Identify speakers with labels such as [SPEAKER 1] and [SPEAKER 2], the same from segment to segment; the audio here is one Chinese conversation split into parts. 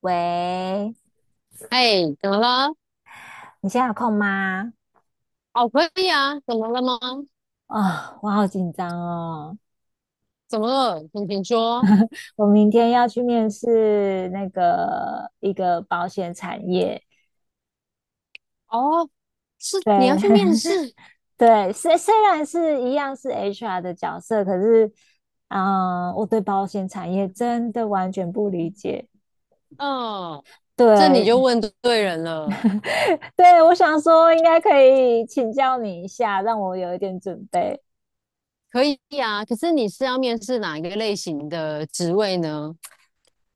[SPEAKER 1] 喂，
[SPEAKER 2] 哎，怎么了？
[SPEAKER 1] 你现在有空吗？
[SPEAKER 2] 哦，可以啊，怎么了吗？
[SPEAKER 1] 啊、我好紧张哦！
[SPEAKER 2] 怎么了？请说。
[SPEAKER 1] 我明天要去面试那个一个保险产业，
[SPEAKER 2] 哦，是
[SPEAKER 1] 对
[SPEAKER 2] 你要去面 试？
[SPEAKER 1] 对，虽然是一样是 HR 的角色，可是，嗯、我对保险产业真的完全不理解。
[SPEAKER 2] 嗯，这你
[SPEAKER 1] 对
[SPEAKER 2] 就问对人了。
[SPEAKER 1] 对，我想说应该可以请教你一下，让我有一点准备。
[SPEAKER 2] 可以啊，可是你是要面试哪一个类型的职位呢？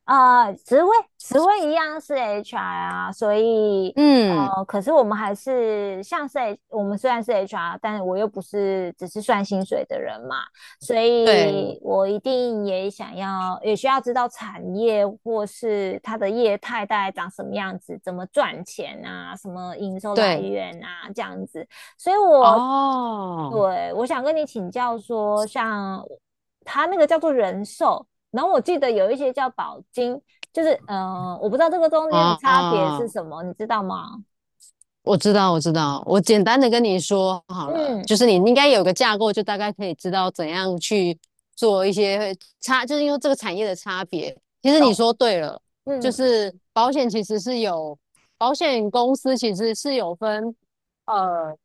[SPEAKER 1] 啊，职位一样是 HR 啊，所以
[SPEAKER 2] 嗯，
[SPEAKER 1] 可是我们还是像是 我们虽然是 HR，但我又不是只是算薪水的人嘛，所
[SPEAKER 2] 对
[SPEAKER 1] 以我一定也想要也需要知道产业或是它的业态大概长什么样子，怎么赚钱啊，什么营收来
[SPEAKER 2] 对，
[SPEAKER 1] 源啊，这样子，所以我
[SPEAKER 2] 哦
[SPEAKER 1] 对我想跟你请教说，像他那个叫做人寿。然后我记得有一些叫保金，我不知道这个中间的差别是
[SPEAKER 2] 哦，
[SPEAKER 1] 什么，你知道吗？
[SPEAKER 2] 我知道，我知道，我简单的跟你说好了，
[SPEAKER 1] 嗯
[SPEAKER 2] 就是你应该有个架构，就大概可以知道怎样去做一些差，就是因为这个产业的差别。其实你
[SPEAKER 1] 懂，
[SPEAKER 2] 说对了，就
[SPEAKER 1] 嗯
[SPEAKER 2] 是保险公司其实是有分，呃，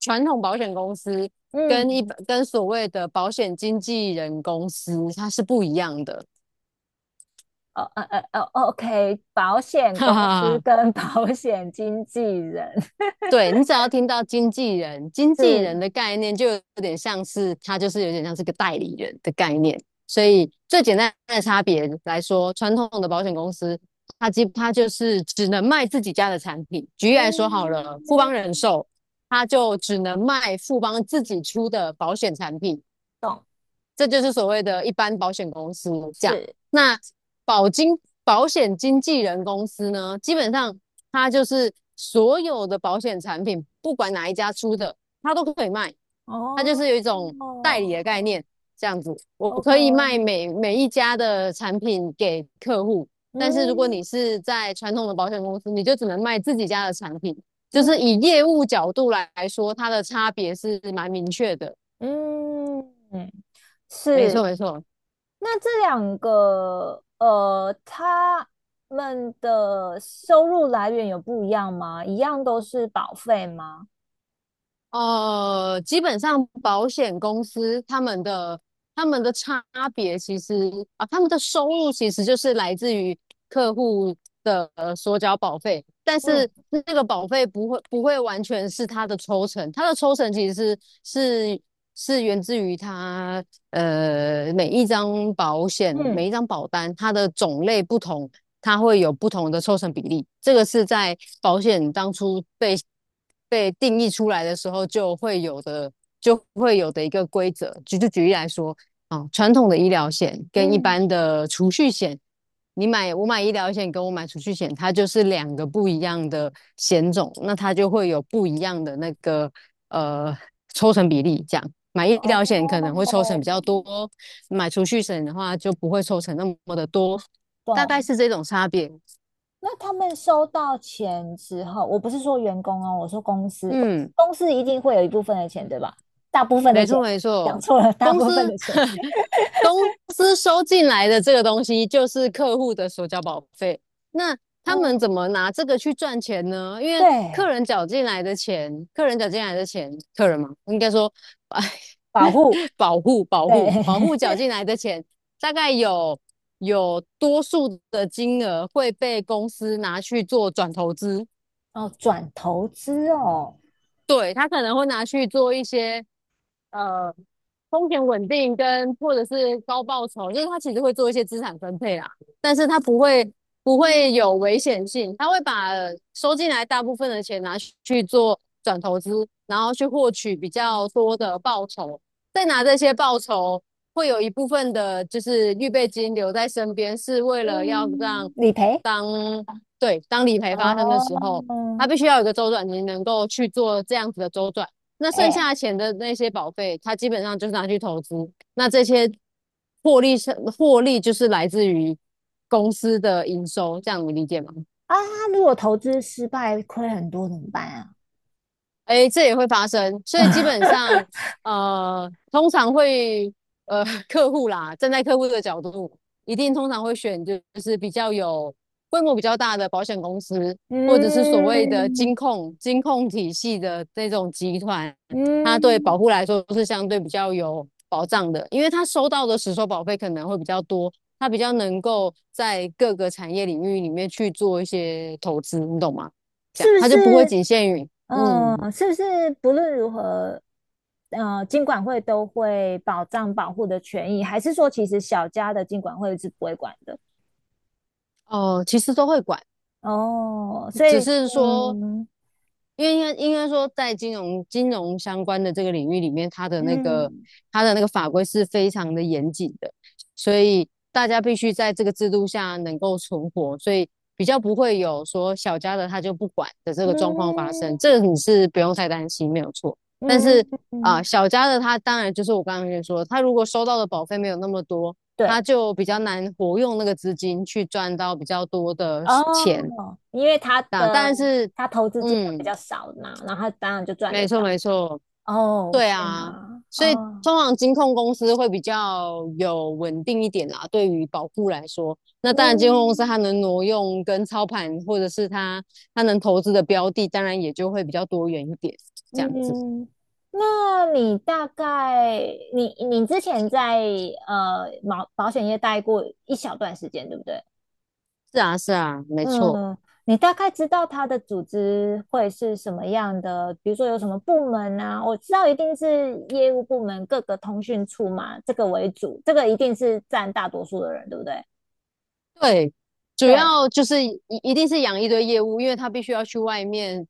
[SPEAKER 2] 传统保险公司跟
[SPEAKER 1] 嗯，
[SPEAKER 2] 一般跟所谓的保险经纪人公司它是不一样的，
[SPEAKER 1] 哦哦，OK，保 险
[SPEAKER 2] 哈
[SPEAKER 1] 公
[SPEAKER 2] 哈
[SPEAKER 1] 司
[SPEAKER 2] 哈。
[SPEAKER 1] 跟 保险经纪人
[SPEAKER 2] 对你只要听到经纪人，经纪
[SPEAKER 1] 是，
[SPEAKER 2] 人的概念就有点像是他就是有点像是个代理人的概念，所以最简单的差别来说，传统的保险公司它就是只能卖自己家的产品。举例来说好
[SPEAKER 1] 嗯
[SPEAKER 2] 了，富邦人寿它就只能卖富邦自己出的保险产品，这就是所谓的一般保险公司价。
[SPEAKER 1] 是，
[SPEAKER 2] 那保金保险经纪人公司呢，基本上它就是所有的保险产品，不管哪一家出的，它都可以卖。它就
[SPEAKER 1] 哦
[SPEAKER 2] 是有一种代理的概念，这样子，我可以卖
[SPEAKER 1] ，OK，
[SPEAKER 2] 每一家的产品给客户。但是如果你
[SPEAKER 1] 嗯
[SPEAKER 2] 是在传统的保险公司，你就只能卖自己家的产品。就是
[SPEAKER 1] 嗯
[SPEAKER 2] 以业务角度来说，它的差别是蛮明确的。
[SPEAKER 1] 嗯，
[SPEAKER 2] 没错，
[SPEAKER 1] 是。
[SPEAKER 2] 没错。
[SPEAKER 1] 那这两个，他们的收入来源有不一样吗？一样都是保费吗？
[SPEAKER 2] 基本上保险公司他们的差别其实啊，他们的收入其实就是来自于客户的所缴保费，但
[SPEAKER 1] 嗯
[SPEAKER 2] 是那个保费不会完全是他的抽成，他的抽成其实是源自于他每一张保险、
[SPEAKER 1] 嗯，
[SPEAKER 2] 每一张保单，它的种类不同，它会有不同的抽成比例。这个是在保险当初被定义出来的时候就会有的一个规则。举例来说，传统的医疗险跟一
[SPEAKER 1] 嗯，
[SPEAKER 2] 般的储蓄险，我买医疗险跟我买储蓄险，它就是两个不一样的险种，那它就会有不一样的那个呃抽成比例这样。买医疗险可能会
[SPEAKER 1] 哦，
[SPEAKER 2] 抽成比较多，买储蓄险的话就不会抽成那么的多，大概
[SPEAKER 1] 懂。
[SPEAKER 2] 是这种差别。
[SPEAKER 1] 那他们收到钱之后，我不是说员工哦，我说公司，
[SPEAKER 2] 嗯，
[SPEAKER 1] 公司一定会有一部分的钱，对吧？大部分的
[SPEAKER 2] 没
[SPEAKER 1] 钱，
[SPEAKER 2] 错没
[SPEAKER 1] 讲
[SPEAKER 2] 错，
[SPEAKER 1] 错了，大
[SPEAKER 2] 公
[SPEAKER 1] 部分
[SPEAKER 2] 司
[SPEAKER 1] 的钱，
[SPEAKER 2] 公司收进来的这个东西就是客户的所缴保费，那他们
[SPEAKER 1] 嗯，
[SPEAKER 2] 怎么拿这个去赚钱呢？因为
[SPEAKER 1] 对，
[SPEAKER 2] 客人缴进来的钱，客人嘛，应该说，哎，
[SPEAKER 1] 保护，对，
[SPEAKER 2] 保护缴进来的钱，大概有多数的金额会被公司拿去做转投资，
[SPEAKER 1] 哦，转投资哦，
[SPEAKER 2] 对，他可能会拿去做一些呃风险稳定跟或者是高报酬，就是他其实会做一些资产分配啦，但是他不会有危险性，他会把收进来大部分的钱拿去做转投资，然后去获取比较多的报酬，再拿这些报酬会有一部分的就是预备金留在身边，是为了要让
[SPEAKER 1] 嗯，理赔
[SPEAKER 2] 当对当理赔发生的
[SPEAKER 1] 哦，
[SPEAKER 2] 时候。它必须要有一个周转，你能够去做这样子的周转。那剩
[SPEAKER 1] 哎
[SPEAKER 2] 下钱的那些保费，它基本上就是拿去投资。那这些获利是获利，就是来自于公司的营收，这样你理解吗？
[SPEAKER 1] 啊，如果投资失败亏很多怎么办啊？
[SPEAKER 2] 哎，这也会发生，所以基本上，通常会，呃，客户啦，站在客户的角度，一定通常会选就是比较有规模比较大的保险公司，或者是所谓的
[SPEAKER 1] 嗯
[SPEAKER 2] 金控体系的这种集团，它对保
[SPEAKER 1] 嗯，
[SPEAKER 2] 护来说是相对比较有保障的，因为它收到的实收保费可能会比较多，它比较能够在各个产业领域里面去做一些投资，你懂吗？这样，
[SPEAKER 1] 是不
[SPEAKER 2] 它就不会
[SPEAKER 1] 是？
[SPEAKER 2] 仅限于。嗯，
[SPEAKER 1] 嗯，是不是不论如何，金管会都会保障保护的权益，还是说其实小家的金管会是不会管的？
[SPEAKER 2] 哦，其实都会管，
[SPEAKER 1] 哦，所
[SPEAKER 2] 只
[SPEAKER 1] 以
[SPEAKER 2] 是说，
[SPEAKER 1] 嗯
[SPEAKER 2] 因为应该说，在金融相关的这个领域里面，
[SPEAKER 1] 嗯
[SPEAKER 2] 它的那个法规是非常的严谨的，所以大家必须在这个制度下能够存活，所以比较不会有说小家的他就不管的这个状况发生，
[SPEAKER 1] 嗯
[SPEAKER 2] 这个你是不用太担心，没有错。但是
[SPEAKER 1] 嗯嗯，
[SPEAKER 2] 小家的他当然就是我刚刚跟你说，他如果收到的保费没有那么多，
[SPEAKER 1] 对。
[SPEAKER 2] 他就比较难活用那个资金去赚到比较多的
[SPEAKER 1] 哦，
[SPEAKER 2] 钱，
[SPEAKER 1] 因为他
[SPEAKER 2] 啊，
[SPEAKER 1] 的
[SPEAKER 2] 但是，
[SPEAKER 1] 他投资金额比
[SPEAKER 2] 嗯，
[SPEAKER 1] 较少嘛，然后他当然就赚的
[SPEAKER 2] 没错
[SPEAKER 1] 少。
[SPEAKER 2] 没错，
[SPEAKER 1] 哦，
[SPEAKER 2] 对
[SPEAKER 1] 天
[SPEAKER 2] 啊，
[SPEAKER 1] 哪！
[SPEAKER 2] 所以
[SPEAKER 1] 哦，
[SPEAKER 2] 通常金控公司会比较有稳定一点啦，对于保护来说，那当然金控公司它
[SPEAKER 1] 嗯
[SPEAKER 2] 能挪用跟操盘，或者是它能投资的标的，当然也就会比较多元一点，这样子。
[SPEAKER 1] 嗯，那你大概你之前在保险业待过一小段时间，对不对？
[SPEAKER 2] 是啊是啊，没错。
[SPEAKER 1] 嗯，你大概知道它的组织会是什么样的？比如说有什么部门啊？我知道一定是业务部门各个通讯处嘛，这个为主，这个一定是占大多数的人，对不对？
[SPEAKER 2] 对，主
[SPEAKER 1] 对，
[SPEAKER 2] 要就是一定是养一堆业务，因为他必须要去外面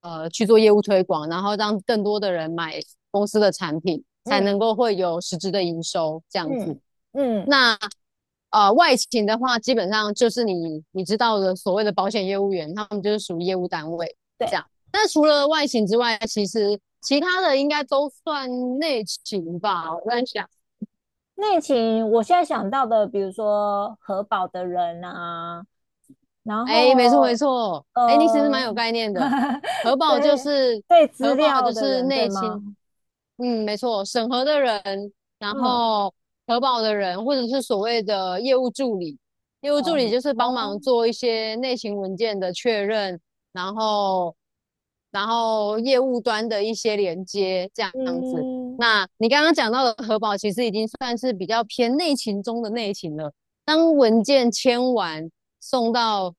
[SPEAKER 2] 去做业务推广，然后让更多的人买公司的产品，才能
[SPEAKER 1] 嗯
[SPEAKER 2] 够会有实质的营收这样子。
[SPEAKER 1] 嗯嗯，
[SPEAKER 2] 那外勤的话，基本上就是你知道的所谓的保险业务员，他们就是属于业务单位这
[SPEAKER 1] 对，
[SPEAKER 2] 样。那除了外勤之外，其实其他的应该都算内勤吧，我在想。
[SPEAKER 1] 内勤，我现在想到的，比如说核保的人啊，然
[SPEAKER 2] 哎，没错没
[SPEAKER 1] 后
[SPEAKER 2] 错，哎，你其实蛮
[SPEAKER 1] 呃，
[SPEAKER 2] 有概念的。核 保就
[SPEAKER 1] 对
[SPEAKER 2] 是
[SPEAKER 1] 对，
[SPEAKER 2] 核
[SPEAKER 1] 资
[SPEAKER 2] 保
[SPEAKER 1] 料
[SPEAKER 2] 就
[SPEAKER 1] 的
[SPEAKER 2] 是
[SPEAKER 1] 人，对
[SPEAKER 2] 内勤，
[SPEAKER 1] 吗？
[SPEAKER 2] 嗯，没错，审核的人，然
[SPEAKER 1] 嗯，
[SPEAKER 2] 后核保的人，或者是所谓的业务助理，业务助
[SPEAKER 1] 哦
[SPEAKER 2] 理就是帮
[SPEAKER 1] 哦，
[SPEAKER 2] 忙做一些内勤文件的确认，然后然后业务端的一些连接这样子。
[SPEAKER 1] 嗯
[SPEAKER 2] 那你刚刚讲到的核保，其实已经算是比较偏内勤中的内勤了。当文件签完。送到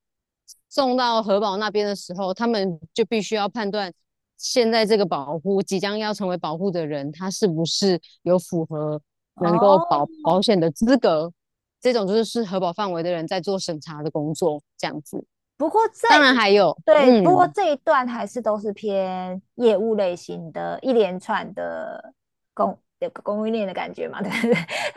[SPEAKER 2] 送到核保那边的时候，他们就必须要判断现在这个保护即将要成为保护的人，他是不是有符合能够
[SPEAKER 1] 哦，
[SPEAKER 2] 保险的资格。这种就是是核保范围的人在做审查的工作，这样子。
[SPEAKER 1] 不过这
[SPEAKER 2] 当然
[SPEAKER 1] 一
[SPEAKER 2] 还有，
[SPEAKER 1] 对，不过
[SPEAKER 2] 嗯，
[SPEAKER 1] 这一段还是都是偏业务类型的，一连串的供有个供应链的感觉嘛，对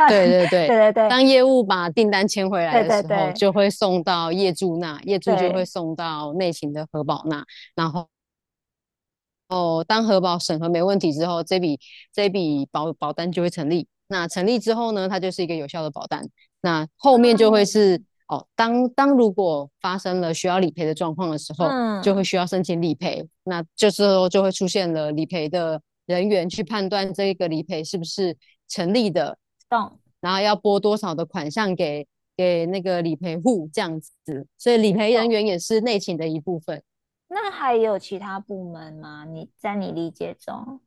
[SPEAKER 2] 对对对，
[SPEAKER 1] 对对，对对对
[SPEAKER 2] 当业务把订单签回来
[SPEAKER 1] 对
[SPEAKER 2] 的
[SPEAKER 1] 对
[SPEAKER 2] 时候，
[SPEAKER 1] 对
[SPEAKER 2] 就会送到业主那，业主就会
[SPEAKER 1] 对，
[SPEAKER 2] 送到内勤的核保那，然后。哦，当核保审核没问题之后，这笔保单就会成立。那成立之后呢，它就是一个有效的保单。那后面
[SPEAKER 1] 嗯
[SPEAKER 2] 就会是哦，当如果发生了需要理赔的状况的时候，就会
[SPEAKER 1] 嗯，
[SPEAKER 2] 需要申请理赔。那这时候就会出现了理赔的人员去判断这个理赔是不是成立的，
[SPEAKER 1] 懂
[SPEAKER 2] 然后要拨多少的款项给那个理赔户这样子。所以理赔人
[SPEAKER 1] 懂。
[SPEAKER 2] 员也是内勤的一部分。
[SPEAKER 1] 那还有其他部门吗？你在你理解中，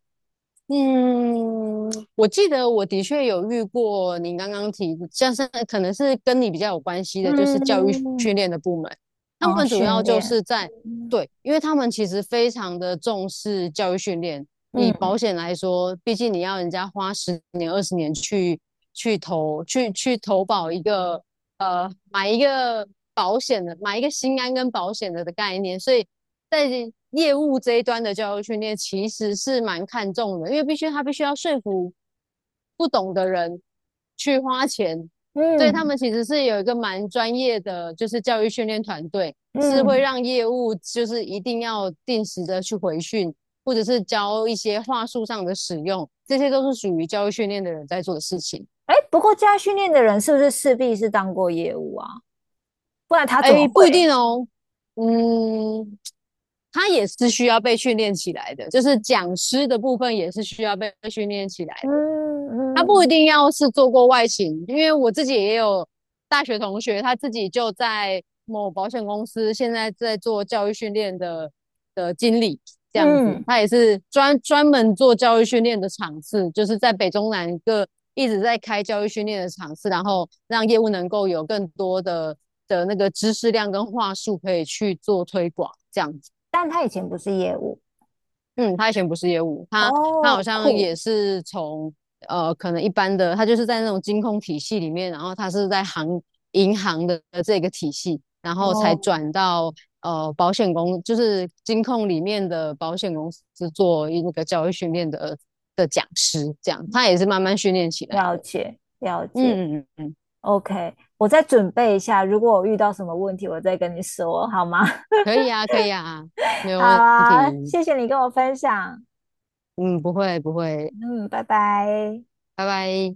[SPEAKER 2] 我记得我的确有遇过您刚刚提，像是可能是跟你比较有关系的，就是教育
[SPEAKER 1] 嗯，
[SPEAKER 2] 训练的部门，他
[SPEAKER 1] 哦，
[SPEAKER 2] 们主要
[SPEAKER 1] 训
[SPEAKER 2] 就
[SPEAKER 1] 练，
[SPEAKER 2] 是在
[SPEAKER 1] 嗯
[SPEAKER 2] 对，因为他们其实非常的重视教育训练。以保
[SPEAKER 1] 嗯
[SPEAKER 2] 险来说，毕竟你要人家花十年、20年去投保一个买一个保险的、买一个心安跟保险的概念，所以在业务这一端的教育训练其实是蛮看重的，因为必须他必须要说服不懂的人去花钱，所以他
[SPEAKER 1] 嗯
[SPEAKER 2] 们其实是有一个蛮专业的，就是教育训练团队，是会
[SPEAKER 1] 嗯，
[SPEAKER 2] 让业务就是一定要定时的去回训，或者是教一些话术上的使用，这些都是属于教育训练的人在做的事情。
[SPEAKER 1] 哎、不过加训练的人是不是势必是当过业务啊？不然他怎么
[SPEAKER 2] 哎，不一定
[SPEAKER 1] 会？
[SPEAKER 2] 哦，嗯，他也是需要被训练起来的，就是讲师的部分也是需要被训练起来的。
[SPEAKER 1] 嗯
[SPEAKER 2] 他不一
[SPEAKER 1] 嗯
[SPEAKER 2] 定要是做过外勤，因为我自己也有大学同学，他自己就在某保险公司，现在在做教育训练的经理这样子，
[SPEAKER 1] 嗯，
[SPEAKER 2] 他也是专门做教育训练的场次，就是在北中南各一直在开教育训练的场次，然后让业务能够有更多的那个知识量跟话术可以去做推广这样子。
[SPEAKER 1] 但他以前不是业务
[SPEAKER 2] 嗯，他以前不是业务，他
[SPEAKER 1] 哦，
[SPEAKER 2] 好像
[SPEAKER 1] 酷
[SPEAKER 2] 也是从可能一般的，他就是在那种金控体系里面，然后他是银行的这个体系，然后才
[SPEAKER 1] 哦，
[SPEAKER 2] 转到保险公，就是金控里面的保险公司那个教育训练的讲师，这样他也是慢慢训练起来
[SPEAKER 1] 了
[SPEAKER 2] 的。
[SPEAKER 1] 解了解。
[SPEAKER 2] 嗯，
[SPEAKER 1] OK，我再准备一下，如果我遇到什么问题，我再跟你说，好吗？
[SPEAKER 2] 可 以啊，可以啊，没有
[SPEAKER 1] 好
[SPEAKER 2] 问
[SPEAKER 1] 啊，
[SPEAKER 2] 题。
[SPEAKER 1] 谢谢你跟我分享，
[SPEAKER 2] 嗯，不会不会，
[SPEAKER 1] 嗯，拜拜。
[SPEAKER 2] 拜拜。